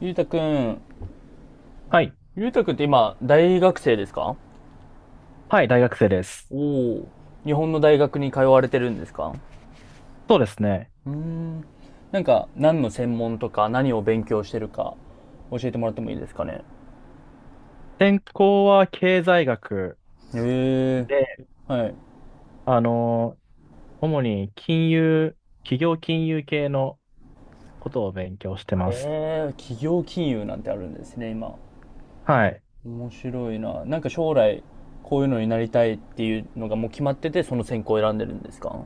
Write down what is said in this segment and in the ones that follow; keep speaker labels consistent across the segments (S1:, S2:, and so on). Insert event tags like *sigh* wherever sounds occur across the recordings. S1: ゆうたくん。
S2: はい。
S1: ゆうたくんって今、大学生ですか？
S2: はい、大学生です。
S1: お。お、日本の大学に通われてるんですか？
S2: そうですね。
S1: うーん、なんか何の専門とか何を勉強してるか教えてもらってもいいですかね。
S2: 専攻は経済学
S1: へえ、
S2: で、
S1: はい。
S2: あの、主に金融、企業金融系のことを勉強してます。
S1: へえ、企業金融なんてあるんですね、今。
S2: はい。
S1: 面白いな。なんか将来こういうのになりたいっていうのがもう決まってて、その専攻を選んでるんですか？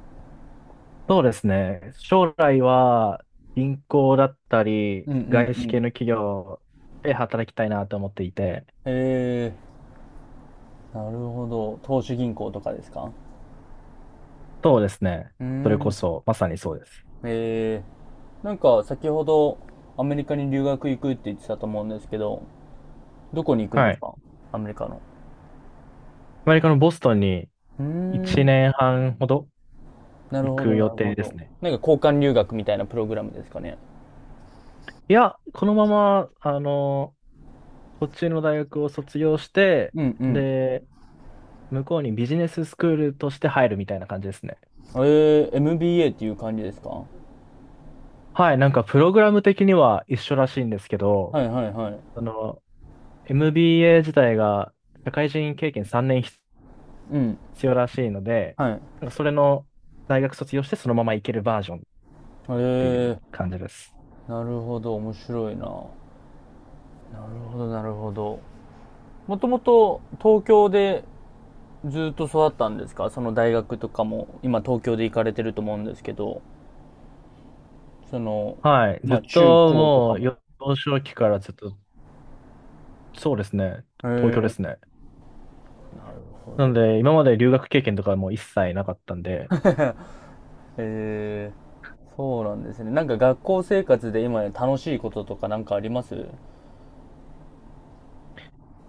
S2: そうですね。将来は銀行だったり、
S1: うんうん
S2: 外資
S1: う
S2: 系
S1: ん。
S2: の企業で働きたいなと思っていて、
S1: へえ、なるほど。投資銀行とかですか？
S2: そうですね。
S1: うー
S2: それこ
S1: ん。
S2: そ、まさにそうです。
S1: えなんか先ほどアメリカに留学行くって言ってたと思うんですけど、どこに行くんで
S2: は
S1: す
S2: い。
S1: か？アメリカの。
S2: アメリカのボストンに
S1: うー
S2: 1
S1: ん、
S2: 年半ほど
S1: なる
S2: 行
S1: ほど、
S2: く
S1: な
S2: 予
S1: るほ
S2: 定で
S1: ど。
S2: すね。
S1: なんか交換留学みたいなプログラムですかね。
S2: いや、このまま、こっちの大学を卒業して、
S1: うんうん。
S2: で、向こうにビジネススクールとして入るみたいな感じですね。
S1: MBA っていう感じですか？は
S2: はい、なんかプログラム的には一緒らしいんですけ
S1: い
S2: ど、
S1: はいはい。
S2: その MBA 自体が社会人経験3年必
S1: うん。
S2: 要らしいので、
S1: はい。
S2: なんかそれの大学卒業してそのまま行けるバージョンっ
S1: え
S2: ていう
S1: ー、
S2: 感じです。
S1: なるほど、面白いな。なるほど、なるほど。もともと東京でずっと育ったんですか？その大学とかも今東京で行かれてると思うんですけど。その、
S2: はい、ず
S1: ま
S2: っ
S1: あ、中
S2: と
S1: 高とか
S2: もう
S1: も。
S2: 幼少期からずっと、そうですね、
S1: へ
S2: 東京です
S1: え。
S2: ね。
S1: なるほ
S2: なの
S1: ど。
S2: で今まで留学経験とかも一切なかったんで、
S1: *laughs* へえ。そうなんですね。なんか学校生活で今楽しいこととかなんかあります？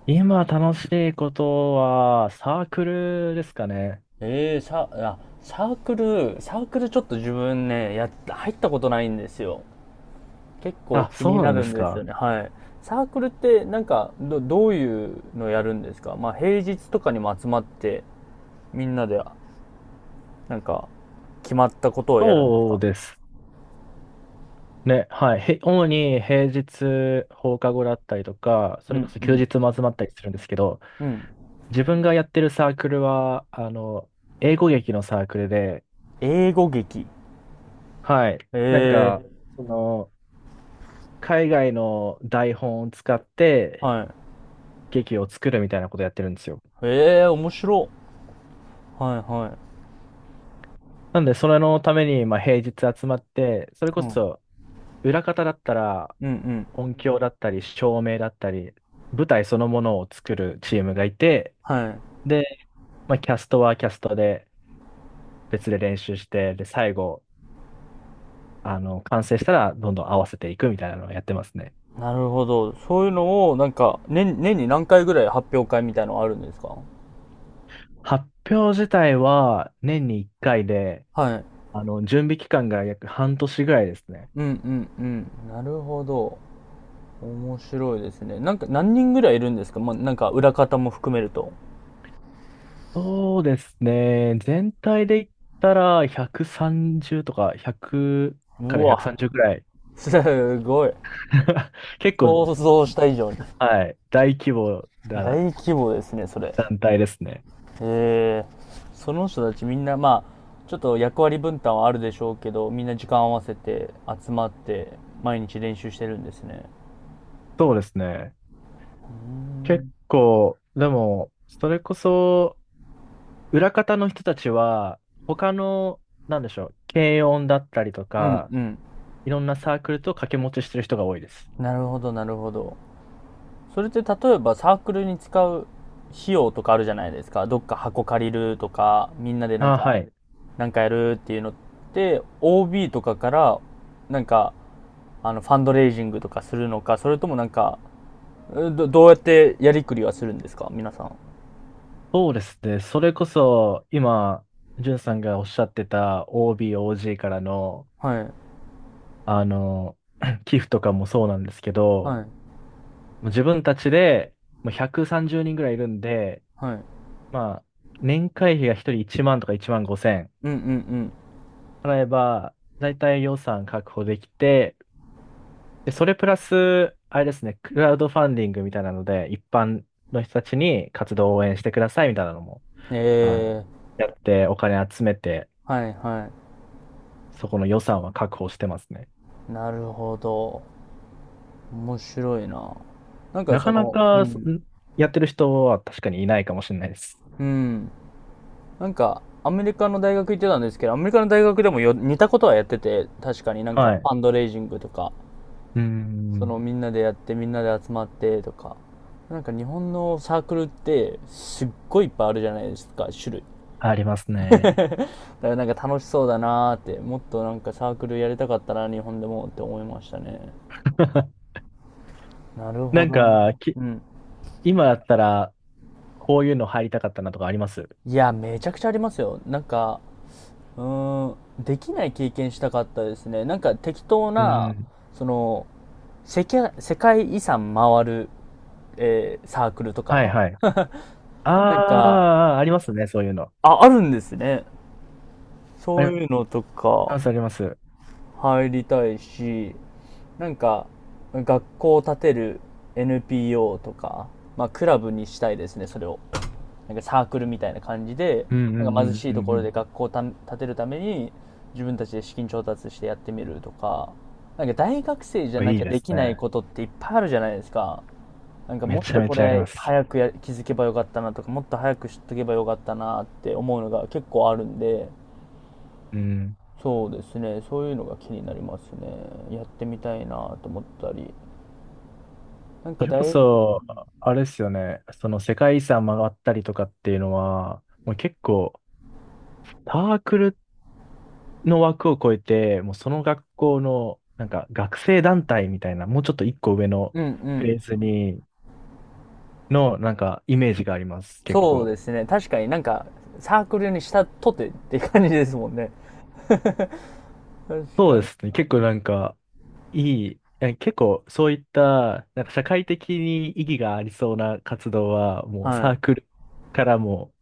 S2: 今楽しいことは、サークルですかね。
S1: ええ、サークル、ちょっと自分ね、や、入ったことないんですよ。結構
S2: あ、
S1: 気
S2: そう
S1: に
S2: な
S1: な
S2: んで
S1: るん
S2: す
S1: ですよ
S2: か。
S1: ね。はい。サークルってなんかどういうのやるんですか？まあ平日とかにも集まってみんなでなんか決まったことをやるんです
S2: そう
S1: か？
S2: ですね。はい。主に平日放課後だったりとか、そ
S1: う
S2: れこ
S1: ん
S2: そ
S1: う
S2: 休
S1: ん。
S2: 日も集まったりするんですけど、
S1: うん。
S2: 自分がやってるサークルは、英語劇のサークルで、
S1: 英語劇。
S2: はい。なん
S1: え
S2: か、
S1: え
S2: その、海外の台本を使っ
S1: ー、
S2: て
S1: はい。
S2: 劇を作るみたいなことやってるんですよ。
S1: ええー、面白。はいは
S2: なんで、それのために、まあ、平日集まって、
S1: い。
S2: それこ
S1: うん。うん
S2: そ、裏方だったら、
S1: うん。
S2: 音響だったり、照明だったり、舞台そのものを作るチームがいて、
S1: はい。
S2: で、まあ、キャストはキャストで別で練習して、で、最後、完成したらどんどん合わせていくみたいなのをやってますね。
S1: なるほど。そういうのを、なんか、年に何回ぐらい発表会みたいのあるんですか？
S2: 発表自体は年に1回で、
S1: はい。
S2: 準備期間が約半年ぐらいですね。
S1: うんうんうん。なるほど。面白いですね。なんか、何人ぐらいいるんですか？まあ、なんか、裏方も含めると。
S2: そうですね。全体で言ったら130とか100か
S1: う
S2: ら
S1: わ。
S2: 130ぐらい。
S1: すごい。
S2: *laughs* 結構、
S1: 想像した以上に。
S2: はい。大規模
S1: 大
S2: だ
S1: 規模ですね、それ。
S2: 団体ですね。
S1: その人たちみんなまあちょっと役割分担はあるでしょうけどみんな時間合わせて集まって毎日練習してるんですね？
S2: そうですね。結構、でも、それこそ、裏方の人たちは、他の、なんでしょう、軽音だったりと
S1: うん
S2: か、
S1: うん。
S2: いろんなサークルと掛け持ちしてる人が多いです。
S1: なるほど、なるほど。それって例えばサークルに使う費用とかあるじゃないですか。どっか箱借りるとかみんなでなん
S2: ああ、
S1: か
S2: はい。
S1: なんかやるっていうのって OB とかからなんかファンドレイジングとかするのか、それともなんかどうやってやりくりはするんですか皆さん？
S2: そうですね。それこそ、今、じゅんさんがおっしゃってた OB、OG からの、
S1: はい
S2: あの、*clears throat* 寄付とかもそうなんですけ
S1: は
S2: ど、
S1: い
S2: もう自分たちで、もう130人ぐらいいるんで、
S1: はい。
S2: まあ、年会費が1人1万とか1万5千、
S1: うんうん
S2: 払えば、だいたい予算確保できて、で、それプラス、あれですね、クラウドファンディングみたいなので、一般の人たちに活動を応援してくださいみたいなのも、
S1: うん。
S2: あの、
S1: ええ、
S2: やってお金集めて、
S1: はいは
S2: そこの予算は確保してますね。
S1: い。なるほど。面白いな。なんか
S2: な
S1: そ
S2: かな
S1: の、う
S2: か、
S1: ん、
S2: やってる人は確かにいないかもしれないです。
S1: うん。なんか、アメリカの大学行ってたんですけど、アメリカの大学でもよ、似たことはやってて、確かになん
S2: は
S1: か、
S2: い。
S1: フ
S2: う
S1: ァンドレイジングとか、
S2: ー
S1: その
S2: ん、
S1: みんなでやって、みんなで集まってとか。なんか日本のサークルって、すっごいいっぱいあるじゃないですか、種類。
S2: あります
S1: *laughs* だ
S2: ね。
S1: からなんか楽しそうだなーって、もっとなんかサークルやりたかったな、日本でもって思いましたね。
S2: *laughs*
S1: なるほ
S2: なん
S1: どな。
S2: か、
S1: うん。
S2: 今だったら、こういうの入りたかったなとかあります？
S1: いや、めちゃくちゃありますよ。なんか、うーん、できない経験したかったですね。なんか適当
S2: う
S1: な、
S2: ん。
S1: その、世界遺産回る、サークルと
S2: はい
S1: か。
S2: はい。あ
S1: なんか、
S2: あ、ありますね、そういうの。
S1: あ、あるんですね。
S2: あ
S1: そう
S2: り
S1: いうのとか
S2: ます、あります。う
S1: 入りたいし、なんか、学校を建てる NPO とか、まあ、クラブにしたいですね、それを。なんかサークルみたいな感じで、
S2: んう
S1: なんか貧
S2: ん
S1: しい
S2: う
S1: と
S2: ん
S1: こ
S2: う
S1: ろで
S2: ん
S1: 学校を建てるために、自分たちで資金調達してやってみるとか、なんか大学生じゃ
S2: うん。
S1: な
S2: い
S1: き
S2: い
S1: ゃ
S2: で
S1: で
S2: す
S1: きない
S2: ね。
S1: ことっていっぱいあるじゃないですか。なんか
S2: め
S1: もっ
S2: ちゃ
S1: と
S2: め
S1: こ
S2: ちゃありま
S1: れ
S2: す。
S1: 早く気づけばよかったなとか、もっと早く知っとけばよかったなって思うのが結構あるんで、
S2: うん。
S1: そうですね、そういうのが気になりますね。やってみたいなと思ったり。なん
S2: そ
S1: か
S2: れこ
S1: うん
S2: そ、あれですよね。その世界遺産回ったりとかっていうのは、もう結構、サークルの枠を超えて、もうその学校の、なんか学生団体みたいな、もうちょっと一個上の
S1: う
S2: フ
S1: ん。
S2: ェーズの、なんかイメージがあります、結
S1: そう
S2: 構。
S1: ですね。確かになんか、サークルにしたとてって感じですもんね。*laughs* 確
S2: そ
S1: か
S2: うで
S1: に。
S2: すね。結構なんか、いや結構そういった、なんか社会的に意義がありそうな活動は、もう
S1: は
S2: サー
S1: い。
S2: クルからも、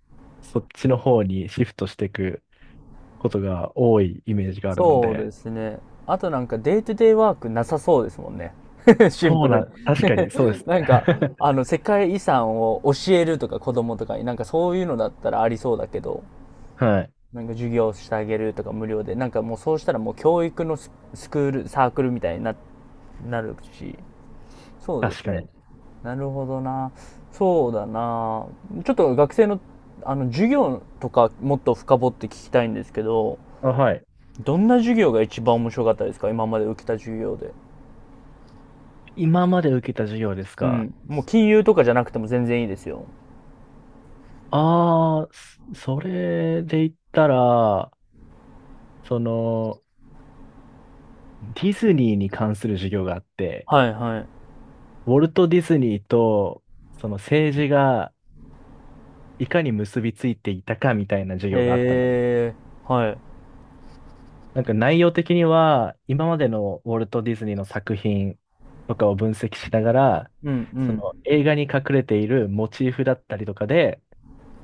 S2: そっちの方にシフトしていくことが多いイメージがあるの
S1: そうで
S2: で、
S1: すね。あとなんかデイトゥデイワークなさそうですもんね。*laughs* シン
S2: そ
S1: プ
S2: う
S1: ルに。
S2: な、確かにそうで
S1: *laughs*
S2: す
S1: なんか、
S2: ね。
S1: 世界遺産を教えるとか子供とかに、なんかそういうのだったらありそうだけど、
S2: *laughs* はい。
S1: なんか授業してあげるとか無料で、なんかもうそうしたらもう教育のスクール、サークルみたいになるし、そうで
S2: 確
S1: す
S2: か
S1: ね。
S2: に。
S1: なるほどな。そうだな。ちょっと学生の、授業とかもっと深掘って聞きたいんですけど、
S2: あ、はい。
S1: どんな授業が一番面白かったですか？今まで受けた授業で。
S2: 今まで受けた授業です
S1: う
S2: か？
S1: ん。もう金融とかじゃなくても全然いいですよ。
S2: ああ、それで言ったら、その、ディズニーに関する授業があって、
S1: はいはい。
S2: ウォルト・ディズニーと、その政治がいかに結びついていたかみたいな授業があったんです。
S1: へえ、はい。
S2: なんか内容的には、今までのウォルト・ディズニーの作品とかを分析しながら、
S1: うんう
S2: そ
S1: ん。
S2: の映画に隠れているモチーフだったりとかで、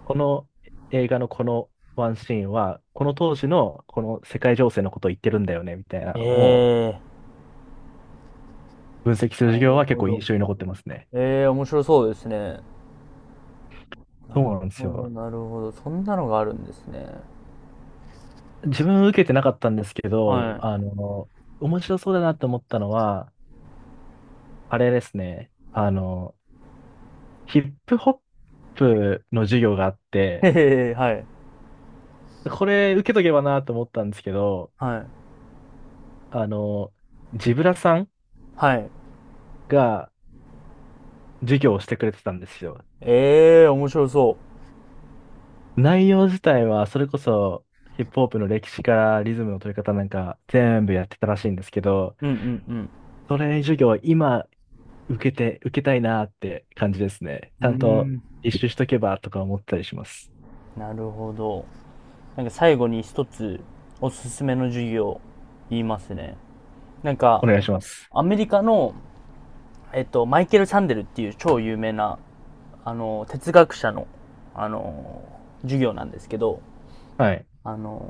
S2: この映画のこのワンシーンは、この当時のこの世界情勢のことを言ってるんだよね、みたいな
S1: え
S2: のを
S1: え、
S2: 分析する
S1: な
S2: 授業
S1: る
S2: は結
S1: ほ
S2: 構
S1: ど。
S2: 印象に残ってますね。
S1: ええ、面白そうですね。
S2: そう
S1: なる
S2: なんです
S1: ほど、
S2: よ。
S1: なるほど。そんなのがあるんですね。
S2: 自分受けてなかったんですけど、
S1: は
S2: 面白そうだなと思ったのは、あれですね。ヒップホップの授業があっ
S1: い。
S2: て、
S1: へえ、はい。
S2: これ受けとけばなと思ったんですけど、
S1: はい。
S2: あの、ジブラさん
S1: はい。
S2: が授業をしてくれてたんですよ。
S1: ええ、面白そ
S2: 内容自体はそれこそヒップホップの歴史からリズムの取り方なんか全部やってたらしいんですけど、
S1: う。うんうんうん。
S2: それ授業今受けたいなって感じですね。
S1: う
S2: ち
S1: ー
S2: ゃんと
S1: ん、
S2: 実習しとけばとか思ったりします。
S1: なるほど。なんか最後に一つおすすめの授業言いますね。なんか
S2: お願いします。
S1: アメリカの、マイケル・サンデルっていう超有名な、哲学者の、あの、授業なんですけど、
S2: はい。
S1: あの、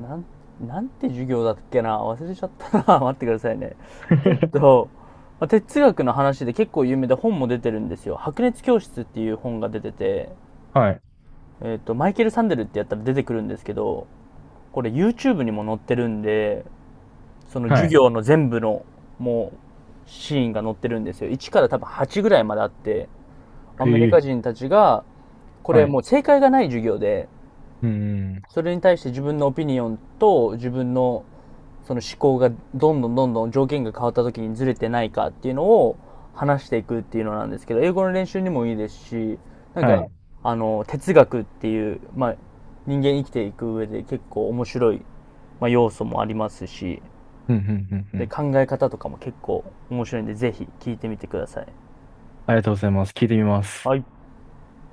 S1: なん、なんて授業だっけな、忘れちゃったな、 *laughs* 待ってくださいね。えっ
S2: *laughs*
S1: と、まあ哲学の話で結構有名で本も出てるんですよ。白熱教室っていう本が出てて、
S2: はい。
S1: マイケル・サンデルってやったら出てくるんですけど、これ YouTube にも載ってるんで、その
S2: は
S1: 授
S2: い。
S1: 業の全部のもうシーンが載ってるんですよ。1から多分8ぐらいまであって、アメリ
S2: ええ
S1: カ人たちが、こ
S2: は
S1: れ
S2: い。
S1: もう正解がない授業で、
S2: うんうん。
S1: それに対して自分のオピニオンと自分のその思考がどんどんどんどん条件が変わった時にずれてないかっていうのを話していくっていうのなんですけど、英語の練習にもいいですし、なん
S2: は
S1: か、
S2: い。
S1: 哲学っていう、まあ、人間生きていく上で結構面白い、まあ、要素もありますし、
S2: うんうんうんう
S1: で、
S2: ん。
S1: 考え方とかも結構面白いんで、ぜひ聞いてみてください。
S2: ありがとうございます。聞いてみます。
S1: はい。